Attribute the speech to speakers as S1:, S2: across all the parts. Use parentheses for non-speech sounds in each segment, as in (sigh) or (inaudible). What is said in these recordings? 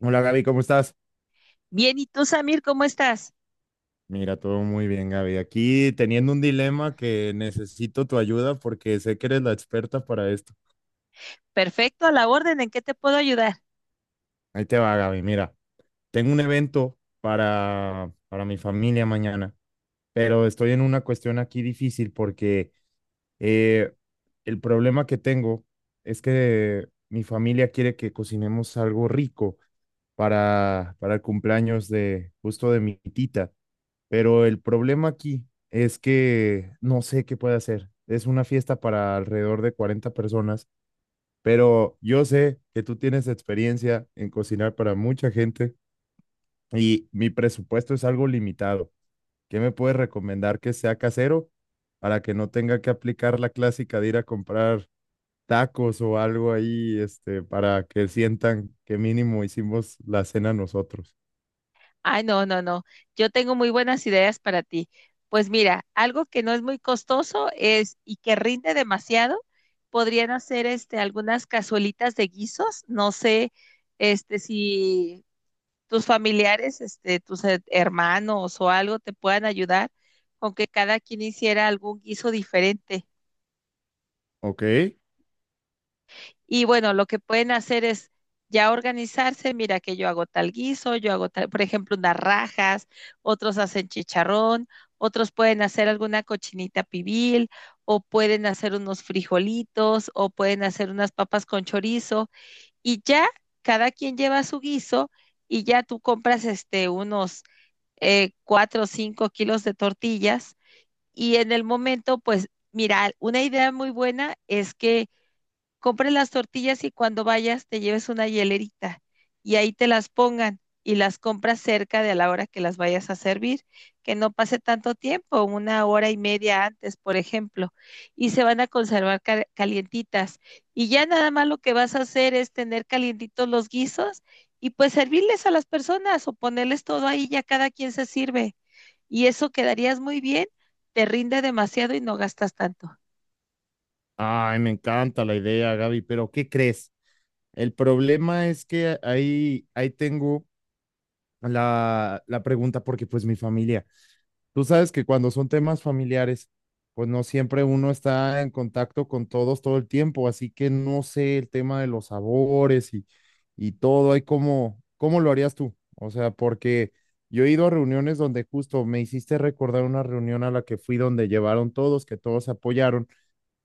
S1: Hola Gaby, ¿cómo estás?
S2: Bien, ¿y tú, Samir, cómo estás?
S1: Mira, todo muy bien, Gaby. Aquí teniendo un dilema que necesito tu ayuda porque sé que eres la experta para esto.
S2: Perfecto, a la orden, ¿en qué te puedo ayudar?
S1: Ahí te va, Gaby. Mira, tengo un evento para mi familia mañana, pero estoy en una cuestión aquí difícil porque eh, el problema que tengo es que mi familia quiere que cocinemos algo rico para el cumpleaños de justo de mi tita. Pero el problema aquí es que no sé qué puede hacer. Es una fiesta para alrededor de 40 personas, pero yo sé que tú tienes experiencia en cocinar para mucha gente y mi presupuesto es algo limitado. ¿Qué me puedes recomendar que sea casero para que no tenga que aplicar la clásica de ir a comprar tacos o algo ahí, este, para que sientan que mínimo hicimos la cena nosotros?
S2: Ay, no, no, no, yo tengo muy buenas ideas para ti. Pues mira, algo que no es muy costoso es y que rinde demasiado, podrían hacer algunas cazuelitas de guisos, no sé, si tus familiares, tus hermanos o algo te puedan ayudar con que cada quien hiciera algún guiso diferente.
S1: Ok.
S2: Y bueno, lo que pueden hacer es ya organizarse, mira que yo hago tal guiso, yo hago tal, por ejemplo, unas rajas, otros hacen chicharrón, otros pueden hacer alguna cochinita pibil, o pueden hacer unos frijolitos, o pueden hacer unas papas con chorizo, y ya cada quien lleva su guiso, y ya tú compras unos 4 o 5 kilos de tortillas, y en el momento, pues, mira, una idea muy buena es que compres las tortillas y cuando vayas te lleves una hielerita y ahí te las pongan y las compras cerca de a la hora que las vayas a servir, que no pase tanto tiempo, 1 hora y media antes, por ejemplo, y se van a conservar calientitas. Y ya nada más lo que vas a hacer es tener calientitos los guisos y pues servirles a las personas o ponerles todo ahí, ya cada quien se sirve. Y eso quedarías muy bien, te rinde demasiado y no gastas tanto.
S1: Ay, me encanta la idea, Gaby, pero ¿qué crees? El problema es que ahí tengo la pregunta porque pues mi familia, tú sabes que cuando son temas familiares, pues no siempre uno está en contacto con todos todo el tiempo, así que no sé el tema de los sabores y todo, ahí cómo lo harías tú, o sea, porque yo he ido a reuniones donde justo me hiciste recordar una reunión a la que fui donde llevaron todos, que todos se apoyaron,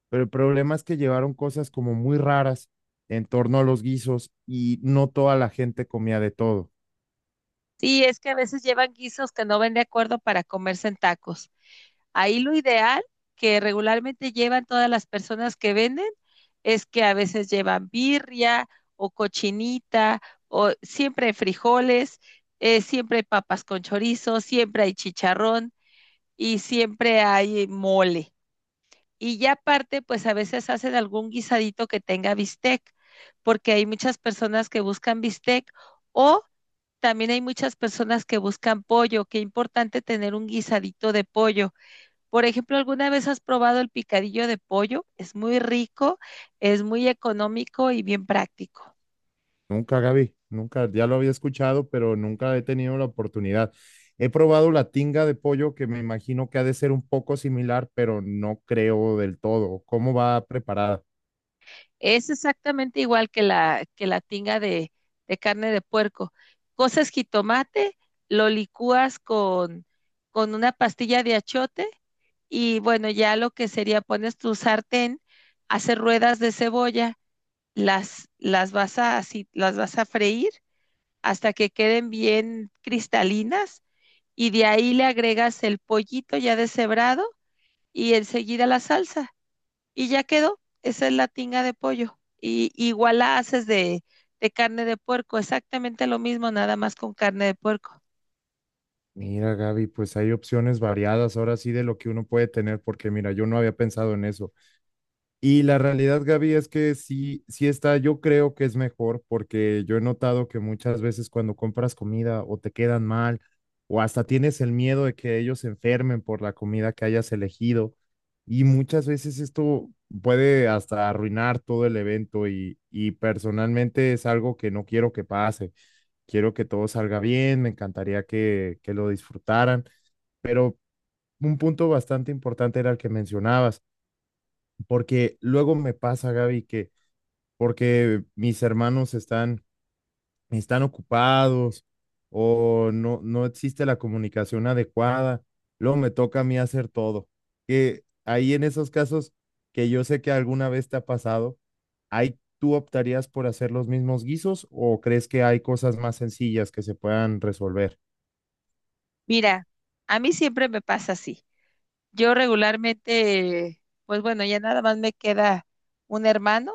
S1: pero el problema es que llevaron cosas como muy raras en torno a los guisos y no toda la gente comía de todo.
S2: Sí, es que a veces llevan guisos que no ven de acuerdo para comerse en tacos. Ahí lo ideal que regularmente llevan todas las personas que venden es que a veces llevan birria o cochinita o siempre hay frijoles, siempre hay papas con chorizo, siempre hay chicharrón y siempre hay mole. Y ya aparte, pues a veces hacen algún guisadito que tenga bistec, porque hay muchas personas que buscan bistec o también hay muchas personas que buscan pollo, qué importante tener un guisadito de pollo. Por ejemplo, ¿alguna vez has probado el picadillo de pollo? Es muy rico, es muy económico y bien práctico.
S1: Nunca, Gaby, nunca, ya lo había escuchado, pero nunca he tenido la oportunidad. He probado la tinga de pollo, que me imagino que ha de ser un poco similar, pero no creo del todo. ¿Cómo va preparada?
S2: Es exactamente igual que la tinga de carne de puerco. Coces jitomate, lo licúas con una pastilla de achiote y bueno, ya lo que sería, pones tu sartén, haces ruedas de cebolla. Las vas a freír hasta que queden bien cristalinas y de ahí le agregas el pollito ya deshebrado y enseguida la salsa y ya quedó. Esa es la tinga de pollo. Y igual la haces de carne de puerco, exactamente lo mismo, nada más con carne de puerco.
S1: Mira, Gaby, pues hay opciones variadas ahora sí de lo que uno puede tener, porque mira, yo no había pensado en eso. Y la realidad, Gaby, es que sí, sí está, yo creo que es mejor porque yo he notado que muchas veces cuando compras comida o te quedan mal o hasta tienes el miedo de que ellos se enfermen por la comida que hayas elegido y muchas veces esto puede hasta arruinar todo el evento y personalmente es algo que no quiero que pase. Quiero que todo salga bien, me encantaría que lo disfrutaran, pero un punto bastante importante era el que mencionabas porque luego me pasa, Gaby, que porque mis hermanos están ocupados o no, no existe la comunicación adecuada, luego me toca a mí hacer todo. Que ahí en esos casos que yo sé que alguna vez te ha pasado, ahí ¿tú optarías por hacer los mismos guisos o crees que hay cosas más sencillas que se puedan resolver?
S2: Mira, a mí siempre me pasa así. Yo regularmente, pues bueno, ya nada más me queda un hermano,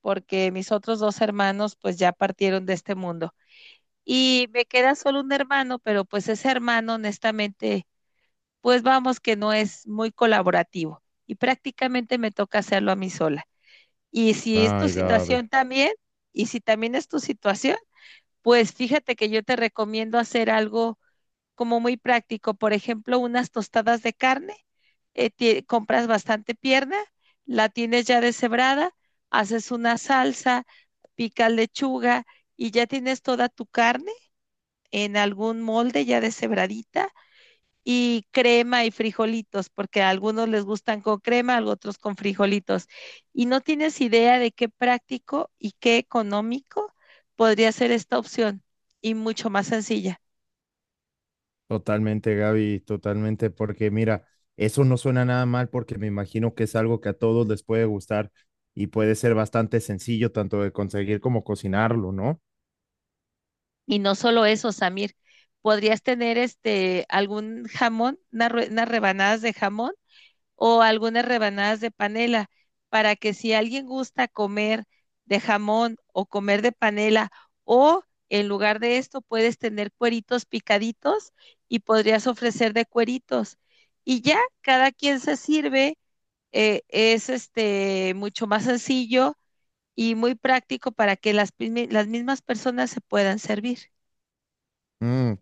S2: porque mis otros dos hermanos pues ya partieron de este mundo. Y me queda solo un hermano, pero pues ese hermano, honestamente, pues vamos que no es muy colaborativo y prácticamente me toca hacerlo a mí sola. Y si es tu
S1: Ay, Gabe.
S2: situación también, y si también es tu situación, pues fíjate que yo te recomiendo hacer algo como muy práctico, por ejemplo, unas tostadas de carne, compras bastante pierna, la tienes ya deshebrada, haces una salsa, picas lechuga y ya tienes toda tu carne en algún molde ya deshebradita y crema y frijolitos, porque a algunos les gustan con crema, a otros con frijolitos. Y no tienes idea de qué práctico y qué económico podría ser esta opción y mucho más sencilla.
S1: Totalmente, Gaby, totalmente, porque mira, eso no suena nada mal porque me imagino que es algo que a todos les puede gustar y puede ser bastante sencillo tanto de conseguir como cocinarlo, ¿no?
S2: Y no solo eso, Samir, podrías tener algún jamón, unas una rebanadas de jamón o algunas rebanadas de panela, para que si alguien gusta comer de jamón o comer de panela, o en lugar de esto puedes tener cueritos picaditos y podrías ofrecer de cueritos. Y ya cada quien se sirve, es mucho más sencillo y muy práctico para que las mismas personas se puedan servir.
S1: Mm,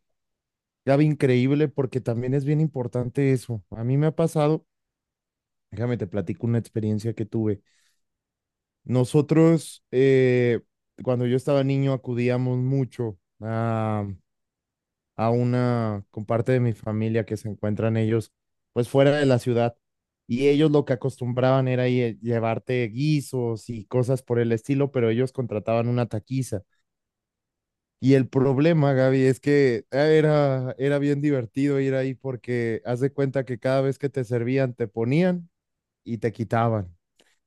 S1: Gaby, increíble porque también es bien importante eso. A mí me ha pasado, déjame te platico una experiencia que tuve. Nosotros, cuando yo estaba niño, acudíamos mucho a una, con parte de mi familia que se encuentran ellos, pues fuera de la ciudad. Y ellos lo que acostumbraban era llevarte guisos y cosas por el estilo, pero ellos contrataban una taquiza. Y el problema, Gaby, es que ah, era bien divertido ir ahí porque haz de cuenta que cada vez que te servían, te ponían y te quitaban,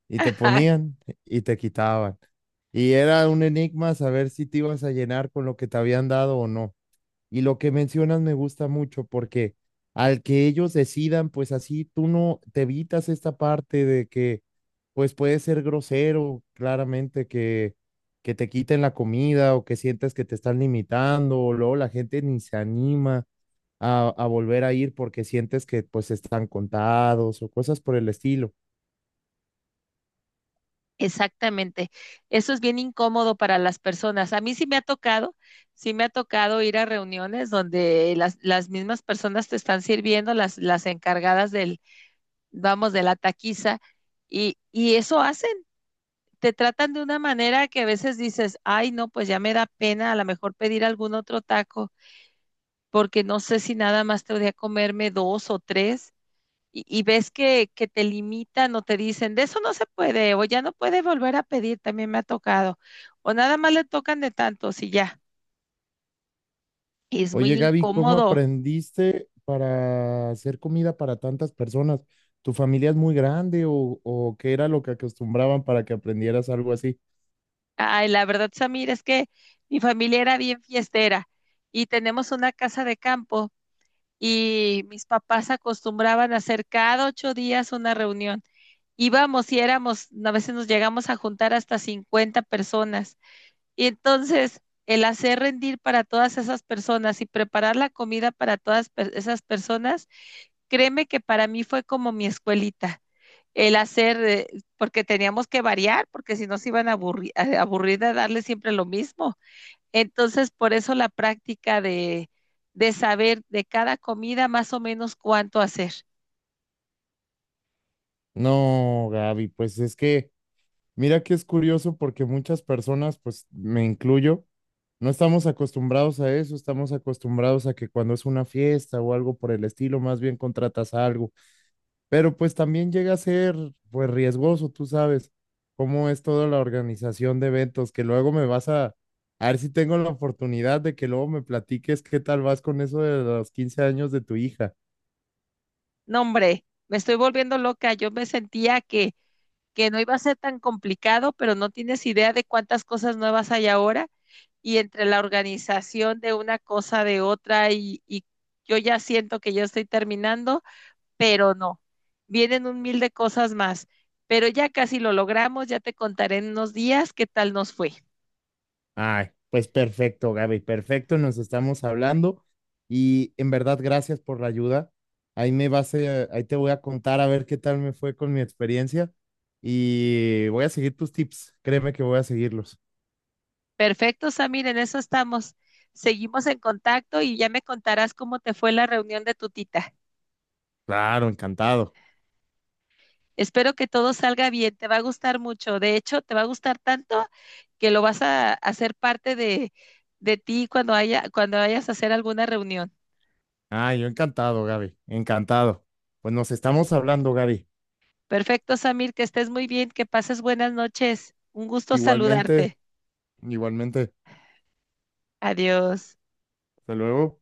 S1: y te
S2: (laughs)
S1: ponían y te quitaban. Y era un enigma saber si te ibas a llenar con lo que te habían dado o no. Y lo que mencionas me gusta mucho porque al que ellos decidan, pues así tú no te evitas esta parte de que, pues puede ser grosero, claramente que te quiten la comida o que sientas que te están limitando, o luego la gente ni se anima a volver a ir porque sientes que pues están contados o cosas por el estilo.
S2: Exactamente. Eso es bien incómodo para las personas. A mí sí me ha tocado, sí me ha tocado ir a reuniones donde las mismas personas te están sirviendo, las encargadas vamos, de la taquiza, y eso hacen. Te tratan de una manera que a veces dices, ay, no, pues ya me da pena a lo mejor pedir algún otro taco, porque no sé si nada más te voy a comerme 2 o 3 y ves que te limitan o te dicen, de eso no se puede, o ya no puede volver a pedir, también me ha tocado, o nada más le tocan de tantos y ya, y es muy
S1: Oye, Gaby, ¿cómo
S2: incómodo.
S1: aprendiste para hacer comida para tantas personas? ¿Tu familia es muy grande o qué era lo que acostumbraban para que aprendieras algo así?
S2: Ay, la verdad, Samir, es que mi familia era bien fiestera y tenemos una casa de campo y mis papás acostumbraban a hacer cada 8 días una reunión. Íbamos y éramos, a veces nos llegamos a juntar hasta 50 personas. Y entonces, el hacer rendir para todas esas personas y preparar la comida para todas esas personas, créeme que para mí fue como mi escuelita. El hacer, porque teníamos que variar, porque si no se iban a aburrir de darle siempre lo mismo. Entonces, por eso la práctica de saber de cada comida más o menos cuánto hacer.
S1: No, Gaby, pues es que, mira que es curioso porque muchas personas, pues me incluyo, no estamos acostumbrados a eso, estamos acostumbrados a que cuando es una fiesta o algo por el estilo, más bien contratas algo. Pero pues también llega a ser pues riesgoso, tú sabes cómo es toda la organización de eventos, que luego me vas a ver si tengo la oportunidad de que luego me platiques qué tal vas con eso de los 15 años de tu hija.
S2: No, hombre, me estoy volviendo loca. Yo me sentía que no iba a ser tan complicado, pero no tienes idea de cuántas cosas nuevas hay ahora y entre la organización de una cosa de otra y yo ya siento que ya estoy terminando, pero no, vienen un mil de cosas más, pero ya casi lo logramos, ya te contaré en unos días qué tal nos fue.
S1: Ay, pues perfecto, Gaby, perfecto, nos estamos hablando y en verdad gracias por la ayuda. Ahí me vas a, ahí te voy a contar a ver qué tal me fue con mi experiencia y voy a seguir tus tips, créeme que voy a seguirlos.
S2: Perfecto, Samir, en eso estamos. Seguimos en contacto y ya me contarás cómo te fue la reunión de tu tita.
S1: Claro, encantado.
S2: Espero que todo salga bien, te va a gustar mucho. De hecho, te va a gustar tanto que lo vas a hacer parte de ti cuando cuando vayas a hacer alguna reunión.
S1: Ah, yo encantado, Gaby, encantado. Pues nos estamos hablando, Gaby.
S2: Perfecto, Samir, que estés muy bien, que pases buenas noches. Un gusto
S1: Igualmente,
S2: saludarte.
S1: igualmente.
S2: Adiós.
S1: Hasta luego.